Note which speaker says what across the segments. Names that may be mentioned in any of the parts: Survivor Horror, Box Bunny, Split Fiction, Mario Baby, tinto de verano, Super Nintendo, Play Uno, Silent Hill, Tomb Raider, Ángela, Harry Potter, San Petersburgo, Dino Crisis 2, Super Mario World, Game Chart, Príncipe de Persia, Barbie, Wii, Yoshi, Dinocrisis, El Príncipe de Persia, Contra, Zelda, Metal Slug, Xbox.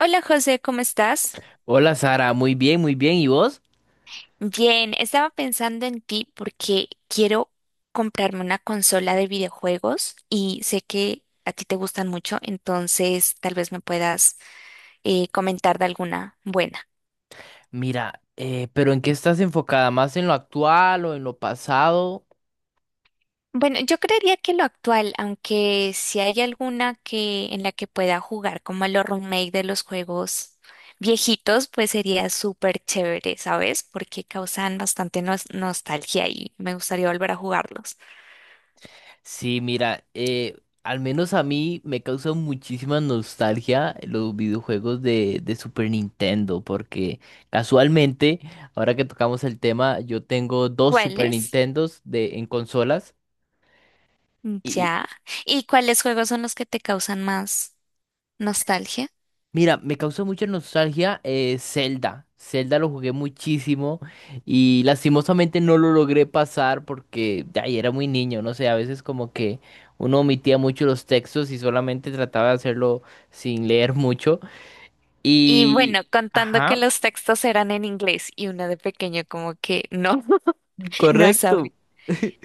Speaker 1: Hola José, ¿cómo estás?
Speaker 2: Hola Sara, muy bien, muy bien. ¿Y vos?
Speaker 1: Bien, estaba pensando en ti porque quiero comprarme una consola de videojuegos y sé que a ti te gustan mucho, entonces tal vez me puedas comentar de alguna buena.
Speaker 2: Mira, pero ¿en qué estás enfocada? ¿Más en lo actual o en lo pasado?
Speaker 1: Bueno, yo creería que lo actual, aunque si hay alguna que en la que pueda jugar como a los remake de los juegos viejitos, pues sería súper chévere, ¿sabes? Porque causan bastante nostalgia y me gustaría volver a jugarlos.
Speaker 2: Sí, mira, al menos a mí me causa muchísima nostalgia los videojuegos de Super Nintendo, porque casualmente, ahora que tocamos el tema, yo tengo dos Super
Speaker 1: ¿Cuáles?
Speaker 2: Nintendos en consolas.
Speaker 1: Ya. ¿Y cuáles juegos son los que te causan más nostalgia?
Speaker 2: Mira, me causó mucha nostalgia Zelda. Zelda lo jugué muchísimo y lastimosamente no lo logré pasar porque ay, era muy niño, no sé, a veces como que uno omitía mucho los textos y solamente trataba de hacerlo sin leer mucho.
Speaker 1: Y
Speaker 2: Y...
Speaker 1: bueno, contando que
Speaker 2: Ajá,
Speaker 1: los textos eran en inglés y uno de pequeño como que no, no sabía.
Speaker 2: correcto.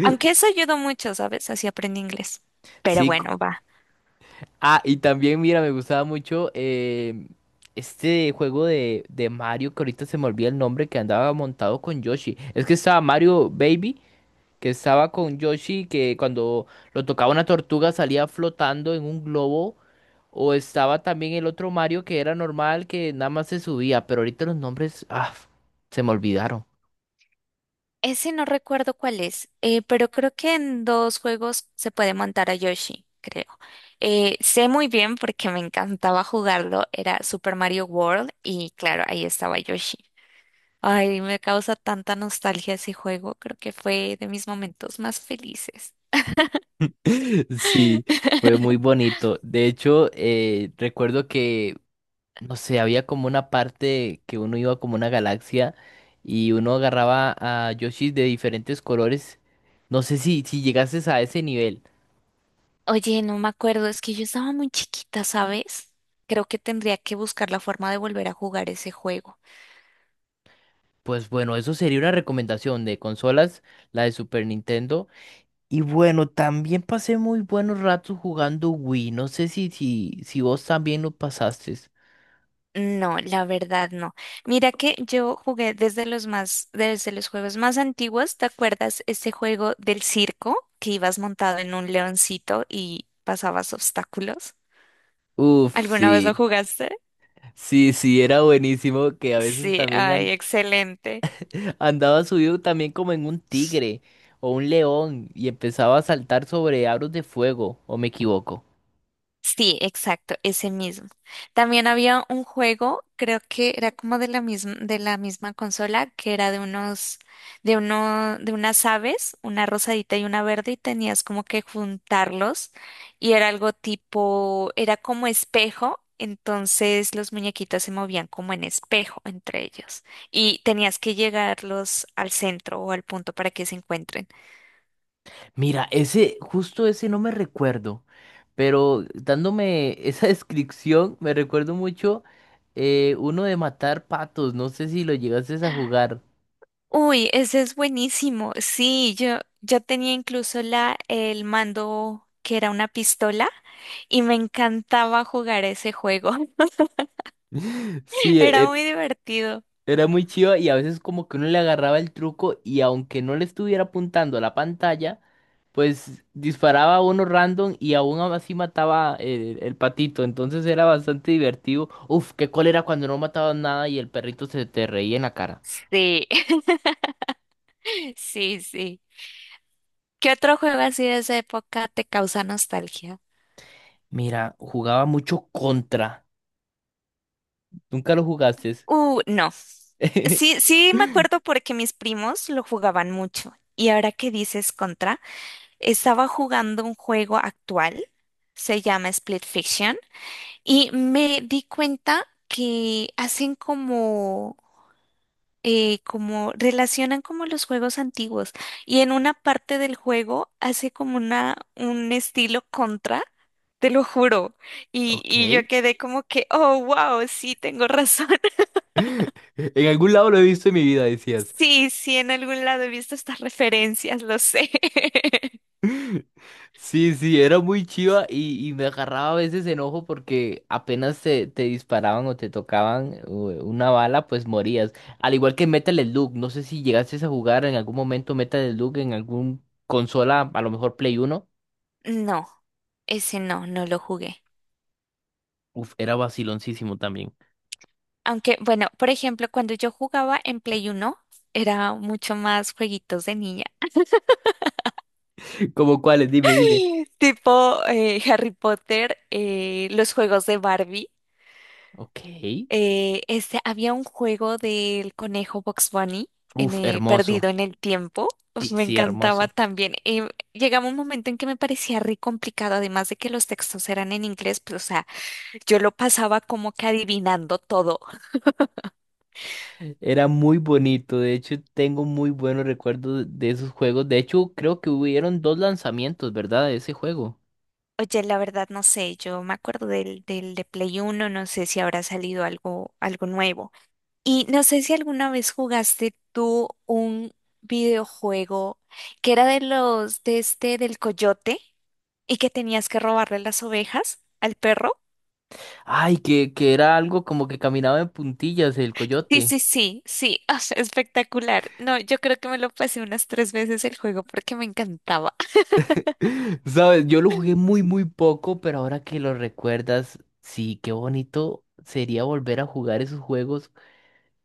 Speaker 1: Aunque eso ayudó mucho, ¿sabes? Así aprendí inglés. Pero
Speaker 2: Sí.
Speaker 1: bueno, va.
Speaker 2: Ah, y también, mira, me gustaba mucho este juego de Mario, que ahorita se me olvida el nombre, que andaba montado con Yoshi. Es que estaba Mario Baby, que estaba con Yoshi, que cuando lo tocaba una tortuga salía flotando en un globo, o estaba también el otro Mario que era normal, que nada más se subía, pero ahorita los nombres, se me olvidaron.
Speaker 1: Ese no recuerdo cuál es, pero creo que en dos juegos se puede montar a Yoshi, creo. Sé muy bien porque me encantaba jugarlo, era Super Mario World y claro, ahí estaba Yoshi. Ay, me causa tanta nostalgia ese juego. Creo que fue de mis momentos más felices.
Speaker 2: Sí, fue muy bonito. De hecho, recuerdo que, no sé, había como una parte que uno iba como una galaxia y uno agarraba a Yoshis de diferentes colores. No sé si llegases a ese nivel.
Speaker 1: Oye, no me acuerdo, es que yo estaba muy chiquita, ¿sabes? Creo que tendría que buscar la forma de volver a jugar ese juego.
Speaker 2: Pues bueno, eso sería una recomendación de consolas, la de Super Nintendo. Y bueno, también pasé muy buenos ratos jugando Wii. No sé si vos también lo pasaste.
Speaker 1: No, la verdad no. Mira que yo jugué desde los más, desde los juegos más antiguos. ¿Te acuerdas este juego del circo que ibas montado en un leoncito y pasabas obstáculos?
Speaker 2: Uf,
Speaker 1: ¿Alguna vez lo
Speaker 2: sí,
Speaker 1: jugaste?
Speaker 2: sí, sí, era buenísimo que a veces
Speaker 1: Sí,
Speaker 2: también
Speaker 1: ay, excelente.
Speaker 2: andaba subido también como en un tigre o un león y empezaba a saltar sobre aros de fuego, ¿o me equivoco?
Speaker 1: Sí, exacto, ese mismo. También había un juego, creo que era como de la misma consola, que era de unos, de uno, de unas aves, una rosadita y una verde, y tenías como que juntarlos, y era algo tipo, era como espejo, entonces los muñequitos se movían como en espejo entre ellos, y tenías que llegarlos al centro o al punto para que se encuentren.
Speaker 2: Mira, ese, justo ese no me recuerdo, pero dándome esa descripción, me recuerdo mucho uno de matar patos, no sé si lo llegases a jugar.
Speaker 1: Uy, ese es buenísimo. Sí, yo tenía incluso la, el mando que era una pistola y me encantaba jugar ese juego.
Speaker 2: Sí,
Speaker 1: Era muy divertido.
Speaker 2: era muy chido y a veces como que uno le agarraba el truco y aunque no le estuviera apuntando a la pantalla, pues disparaba a uno random y aún así mataba el patito, entonces era bastante divertido. Uf, qué cólera cuando no mataban nada y el perrito se te reía en la cara.
Speaker 1: Sí, sí, sí. ¿Qué otro juego así de esa época te causa nostalgia?
Speaker 2: Mira, jugaba mucho contra. Nunca lo jugaste.
Speaker 1: No. Sí, sí me acuerdo porque mis primos lo jugaban mucho. Y ahora que dices Contra, estaba jugando un juego actual, se llama Split Fiction. Y me di cuenta que hacen como, como relacionan como los juegos antiguos. Y en una parte del juego hace como una, un estilo contra, te lo juro.
Speaker 2: Ok.
Speaker 1: Y yo quedé como que, oh, wow, sí, tengo razón.
Speaker 2: En algún lado lo he visto en mi vida, decías.
Speaker 1: Sí, sí, en algún lado he visto estas referencias, lo sé.
Speaker 2: Sí, sí, era muy chiva y me agarraba a veces enojo porque apenas te disparaban o te tocaban una bala, pues morías. Al igual que Metal Slug, no sé si llegaste a jugar en algún momento Metal Slug en algún consola, a lo mejor Play Uno.
Speaker 1: No, ese no, no lo jugué.
Speaker 2: Uf, era vaciloncísimo también.
Speaker 1: Aunque, bueno, por ejemplo, cuando yo jugaba en Play uno era mucho más jueguitos de niña.
Speaker 2: ¿Cómo cuáles? Dime, dime.
Speaker 1: Tipo Harry Potter, los juegos de Barbie.
Speaker 2: Ok.
Speaker 1: Este, había un juego del conejo Box Bunny en,
Speaker 2: Uf, hermoso.
Speaker 1: perdido en el tiempo. Pues
Speaker 2: Sí,
Speaker 1: me
Speaker 2: sí,
Speaker 1: encantaba
Speaker 2: hermoso.
Speaker 1: también. Llegaba un momento en que me parecía re complicado, además de que los textos eran en inglés, pues, o sea, yo lo pasaba como que adivinando todo.
Speaker 2: Era muy bonito. De hecho, tengo muy buenos recuerdos de esos juegos. De hecho, creo que hubieron dos lanzamientos, ¿verdad? De ese juego.
Speaker 1: Oye, la verdad no sé, yo me acuerdo del, del de Play Uno, no sé si habrá salido algo, algo nuevo. Y no sé si alguna vez jugaste tú un videojuego que era de los de este del coyote y que tenías que robarle las ovejas al perro.
Speaker 2: Ay, que era algo como que caminaba en puntillas el
Speaker 1: Sí,
Speaker 2: coyote.
Speaker 1: sí, sí, sí, o sea, espectacular. No, yo creo que me lo pasé unas tres veces el juego porque me encantaba.
Speaker 2: ¿Sabes? Yo lo jugué muy, muy poco, pero ahora que lo recuerdas, sí, qué bonito sería volver a jugar esos juegos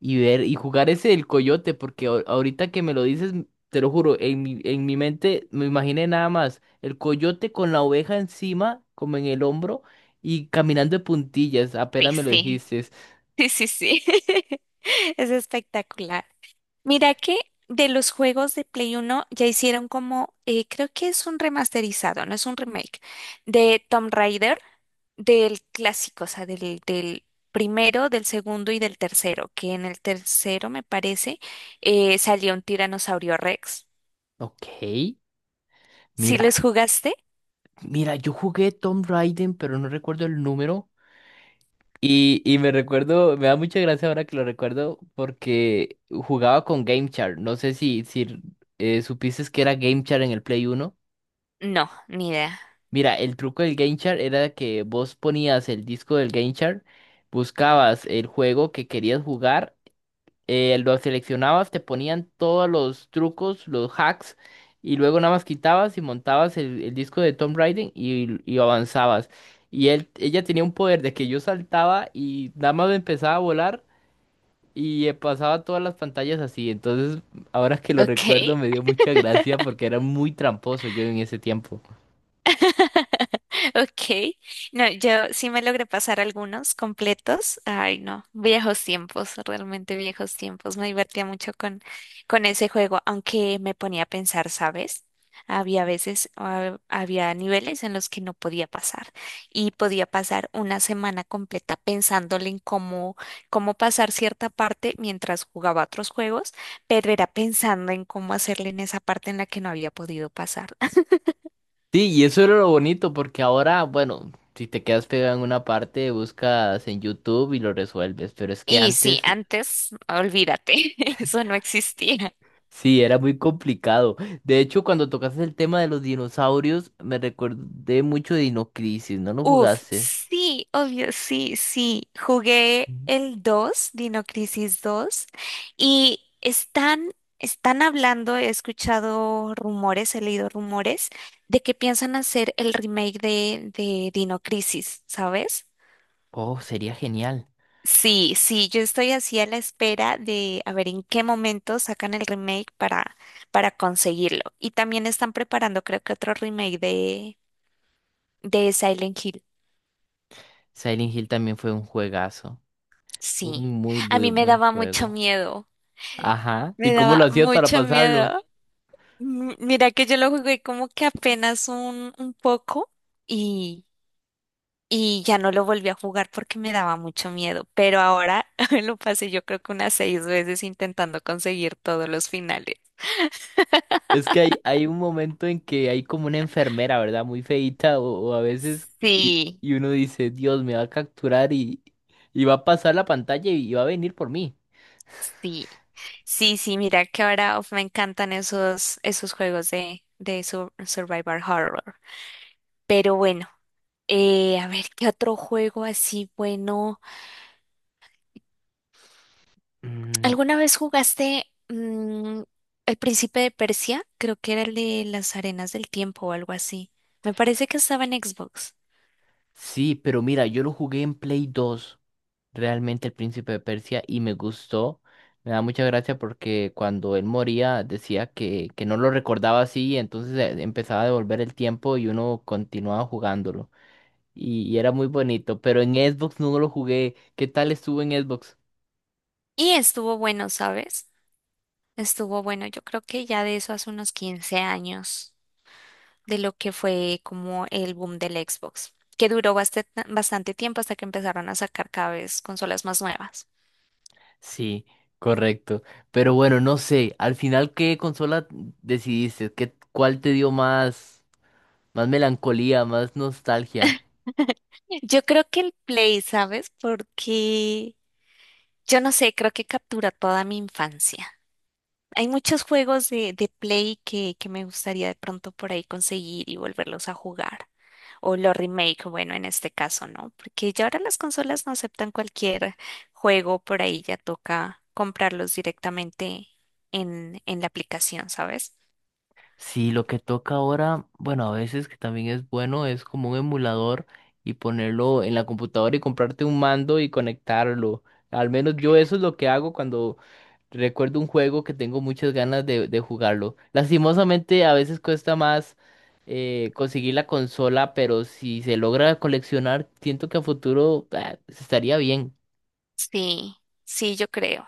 Speaker 2: y ver y jugar ese del coyote, porque ahorita que me lo dices, te lo juro, en mi mente me imaginé nada más el coyote con la oveja encima, como en el hombro, y caminando de puntillas, apenas me lo
Speaker 1: Sí,
Speaker 2: dijiste.
Speaker 1: sí, sí, sí, sí. Es espectacular. Mira que de los juegos de Play Uno ya hicieron como, creo que es un remasterizado, no es un remake, de Tomb Raider, del clásico, o sea, del, del primero, del segundo y del tercero, que en el tercero, me parece, salió un tiranosaurio Rex.
Speaker 2: Ok,
Speaker 1: ¿Sí
Speaker 2: mira,
Speaker 1: los jugaste?
Speaker 2: mira, yo jugué Tomb Raider, pero no recuerdo el número. Y me recuerdo, me da mucha gracia ahora que lo recuerdo, porque jugaba con Game Chart. No sé si supiste que era Game Chart en el Play Uno.
Speaker 1: No, ni idea.
Speaker 2: Mira, el truco del Game Chart era que vos ponías el disco del Game Chart, buscabas el juego que querías jugar, lo seleccionabas, te ponían todos los trucos, los hacks, y luego nada más quitabas y montabas el disco de Tomb Raider y avanzabas. Y él, ella tenía un poder de que yo saltaba y nada más empezaba a volar y pasaba todas las pantallas así. Entonces, ahora que lo
Speaker 1: Ok.
Speaker 2: recuerdo, me dio mucha gracia porque era muy tramposo yo en ese tiempo.
Speaker 1: Ok. No, yo sí me logré pasar algunos completos. Ay, no, viejos tiempos, realmente viejos tiempos. Me divertía mucho con ese juego, aunque me ponía a pensar, ¿sabes? Había veces, ah, había niveles en los que no podía pasar y podía pasar una semana completa pensándole en cómo, cómo pasar cierta parte mientras jugaba otros juegos, pero era pensando en cómo hacerle en esa parte en la que no había podido pasar.
Speaker 2: Sí, y eso era lo bonito, porque ahora, bueno, si te quedas pegado en una parte, buscas en YouTube y lo resuelves, pero es que
Speaker 1: Y sí,
Speaker 2: antes
Speaker 1: antes, olvídate, eso no existía.
Speaker 2: sí, era muy complicado. De hecho, cuando tocaste el tema de los dinosaurios, me recordé mucho de Dinocrisis, ¿no lo
Speaker 1: Uf,
Speaker 2: jugaste?
Speaker 1: sí, obvio, sí, sí. Jugué
Speaker 2: Mm.
Speaker 1: el 2, Dino Crisis 2, y están, están hablando, he escuchado rumores, he leído rumores de que piensan hacer el remake de Dino Crisis, ¿sabes?
Speaker 2: Oh, sería genial.
Speaker 1: Sí, sí, yo estoy así a la espera de a ver en qué momento sacan el remake para conseguirlo. Y también están preparando, creo que otro remake de Silent Hill,
Speaker 2: Silent Hill también fue un juegazo,
Speaker 1: sí.
Speaker 2: un muy,
Speaker 1: A
Speaker 2: muy
Speaker 1: mí me
Speaker 2: buen
Speaker 1: daba mucho
Speaker 2: juego.
Speaker 1: miedo,
Speaker 2: Ajá,
Speaker 1: me
Speaker 2: ¿y cómo lo
Speaker 1: daba
Speaker 2: hacías para
Speaker 1: mucho
Speaker 2: pasarlo?
Speaker 1: miedo. Mira que yo lo jugué como que apenas un poco y, y ya no lo volví a jugar porque me daba mucho miedo, pero ahora lo pasé yo creo que unas 6 veces intentando conseguir todos los finales.
Speaker 2: Es que hay un momento en que hay como una enfermera, ¿verdad? Muy feíta o a veces y,
Speaker 1: Sí,
Speaker 2: y uno dice, Dios, me va a capturar y va a pasar la pantalla y va a venir por mí.
Speaker 1: sí, sí, sí, mira que ahora uf, me encantan esos, esos juegos de, de Survivor Horror. Pero bueno. A ver, ¿qué otro juego así bueno?
Speaker 2: Mm,
Speaker 1: ¿Alguna vez jugaste El Príncipe de Persia? Creo que era el de las arenas del tiempo o algo así. Me parece que estaba en Xbox.
Speaker 2: sí, pero mira, yo lo jugué en Play 2 realmente el Príncipe de Persia, y me gustó. Me da mucha gracia porque cuando él moría decía que no lo recordaba así, entonces empezaba a devolver el tiempo y uno continuaba jugándolo. Y era muy bonito, pero en Xbox no lo jugué. ¿Qué tal estuvo en Xbox?
Speaker 1: Y estuvo bueno, ¿sabes? Estuvo bueno. Yo creo que ya de eso hace unos 15 años, de lo que fue como el boom del Xbox, que duró bastante, bastante tiempo hasta que empezaron a sacar cada vez consolas más nuevas.
Speaker 2: Sí, correcto. Pero bueno, no sé, al final, ¿qué consola decidiste? ¿Qué, cuál te dio más melancolía, más nostalgia?
Speaker 1: Yo creo que el Play, ¿sabes? Porque yo no sé, creo que captura toda mi infancia. Hay muchos juegos de Play que me gustaría de pronto por ahí conseguir y volverlos a jugar. O los remake, bueno, en este caso, ¿no? Porque ya ahora las consolas no aceptan cualquier juego, por ahí ya toca comprarlos directamente en la aplicación, ¿sabes?
Speaker 2: Sí, lo que toca ahora, bueno, a veces que también es bueno, es como un emulador y ponerlo en la computadora y comprarte un mando y conectarlo. Al menos yo eso es lo que hago cuando recuerdo un juego que tengo muchas ganas de jugarlo. Lastimosamente, a veces cuesta más conseguir la consola, pero si se logra coleccionar, siento que a futuro estaría bien.
Speaker 1: Sí, sí, yo creo.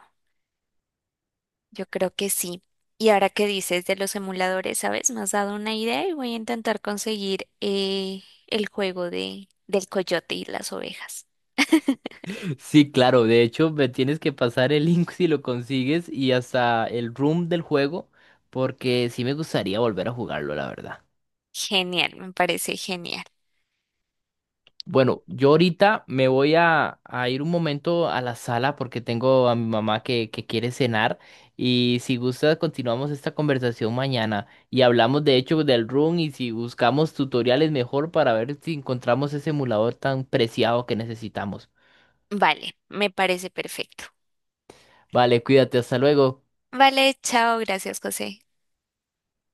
Speaker 1: Yo creo que sí. Y ahora que dices de los emuladores, ¿sabes? Me has dado una idea y voy a intentar conseguir el juego de, del coyote y las ovejas.
Speaker 2: Sí, claro, de hecho, me tienes que pasar el link si lo consigues y hasta el room del juego, porque sí me gustaría volver a jugarlo, la verdad.
Speaker 1: Genial, me parece genial.
Speaker 2: Bueno, yo ahorita me voy a ir un momento a la sala porque tengo a mi mamá que quiere cenar y si gusta continuamos esta conversación mañana y hablamos de hecho del room y si buscamos tutoriales mejor para ver si encontramos ese emulador tan preciado que necesitamos.
Speaker 1: Vale, me parece perfecto.
Speaker 2: Vale, cuídate, hasta luego.
Speaker 1: Vale, chao, gracias, José.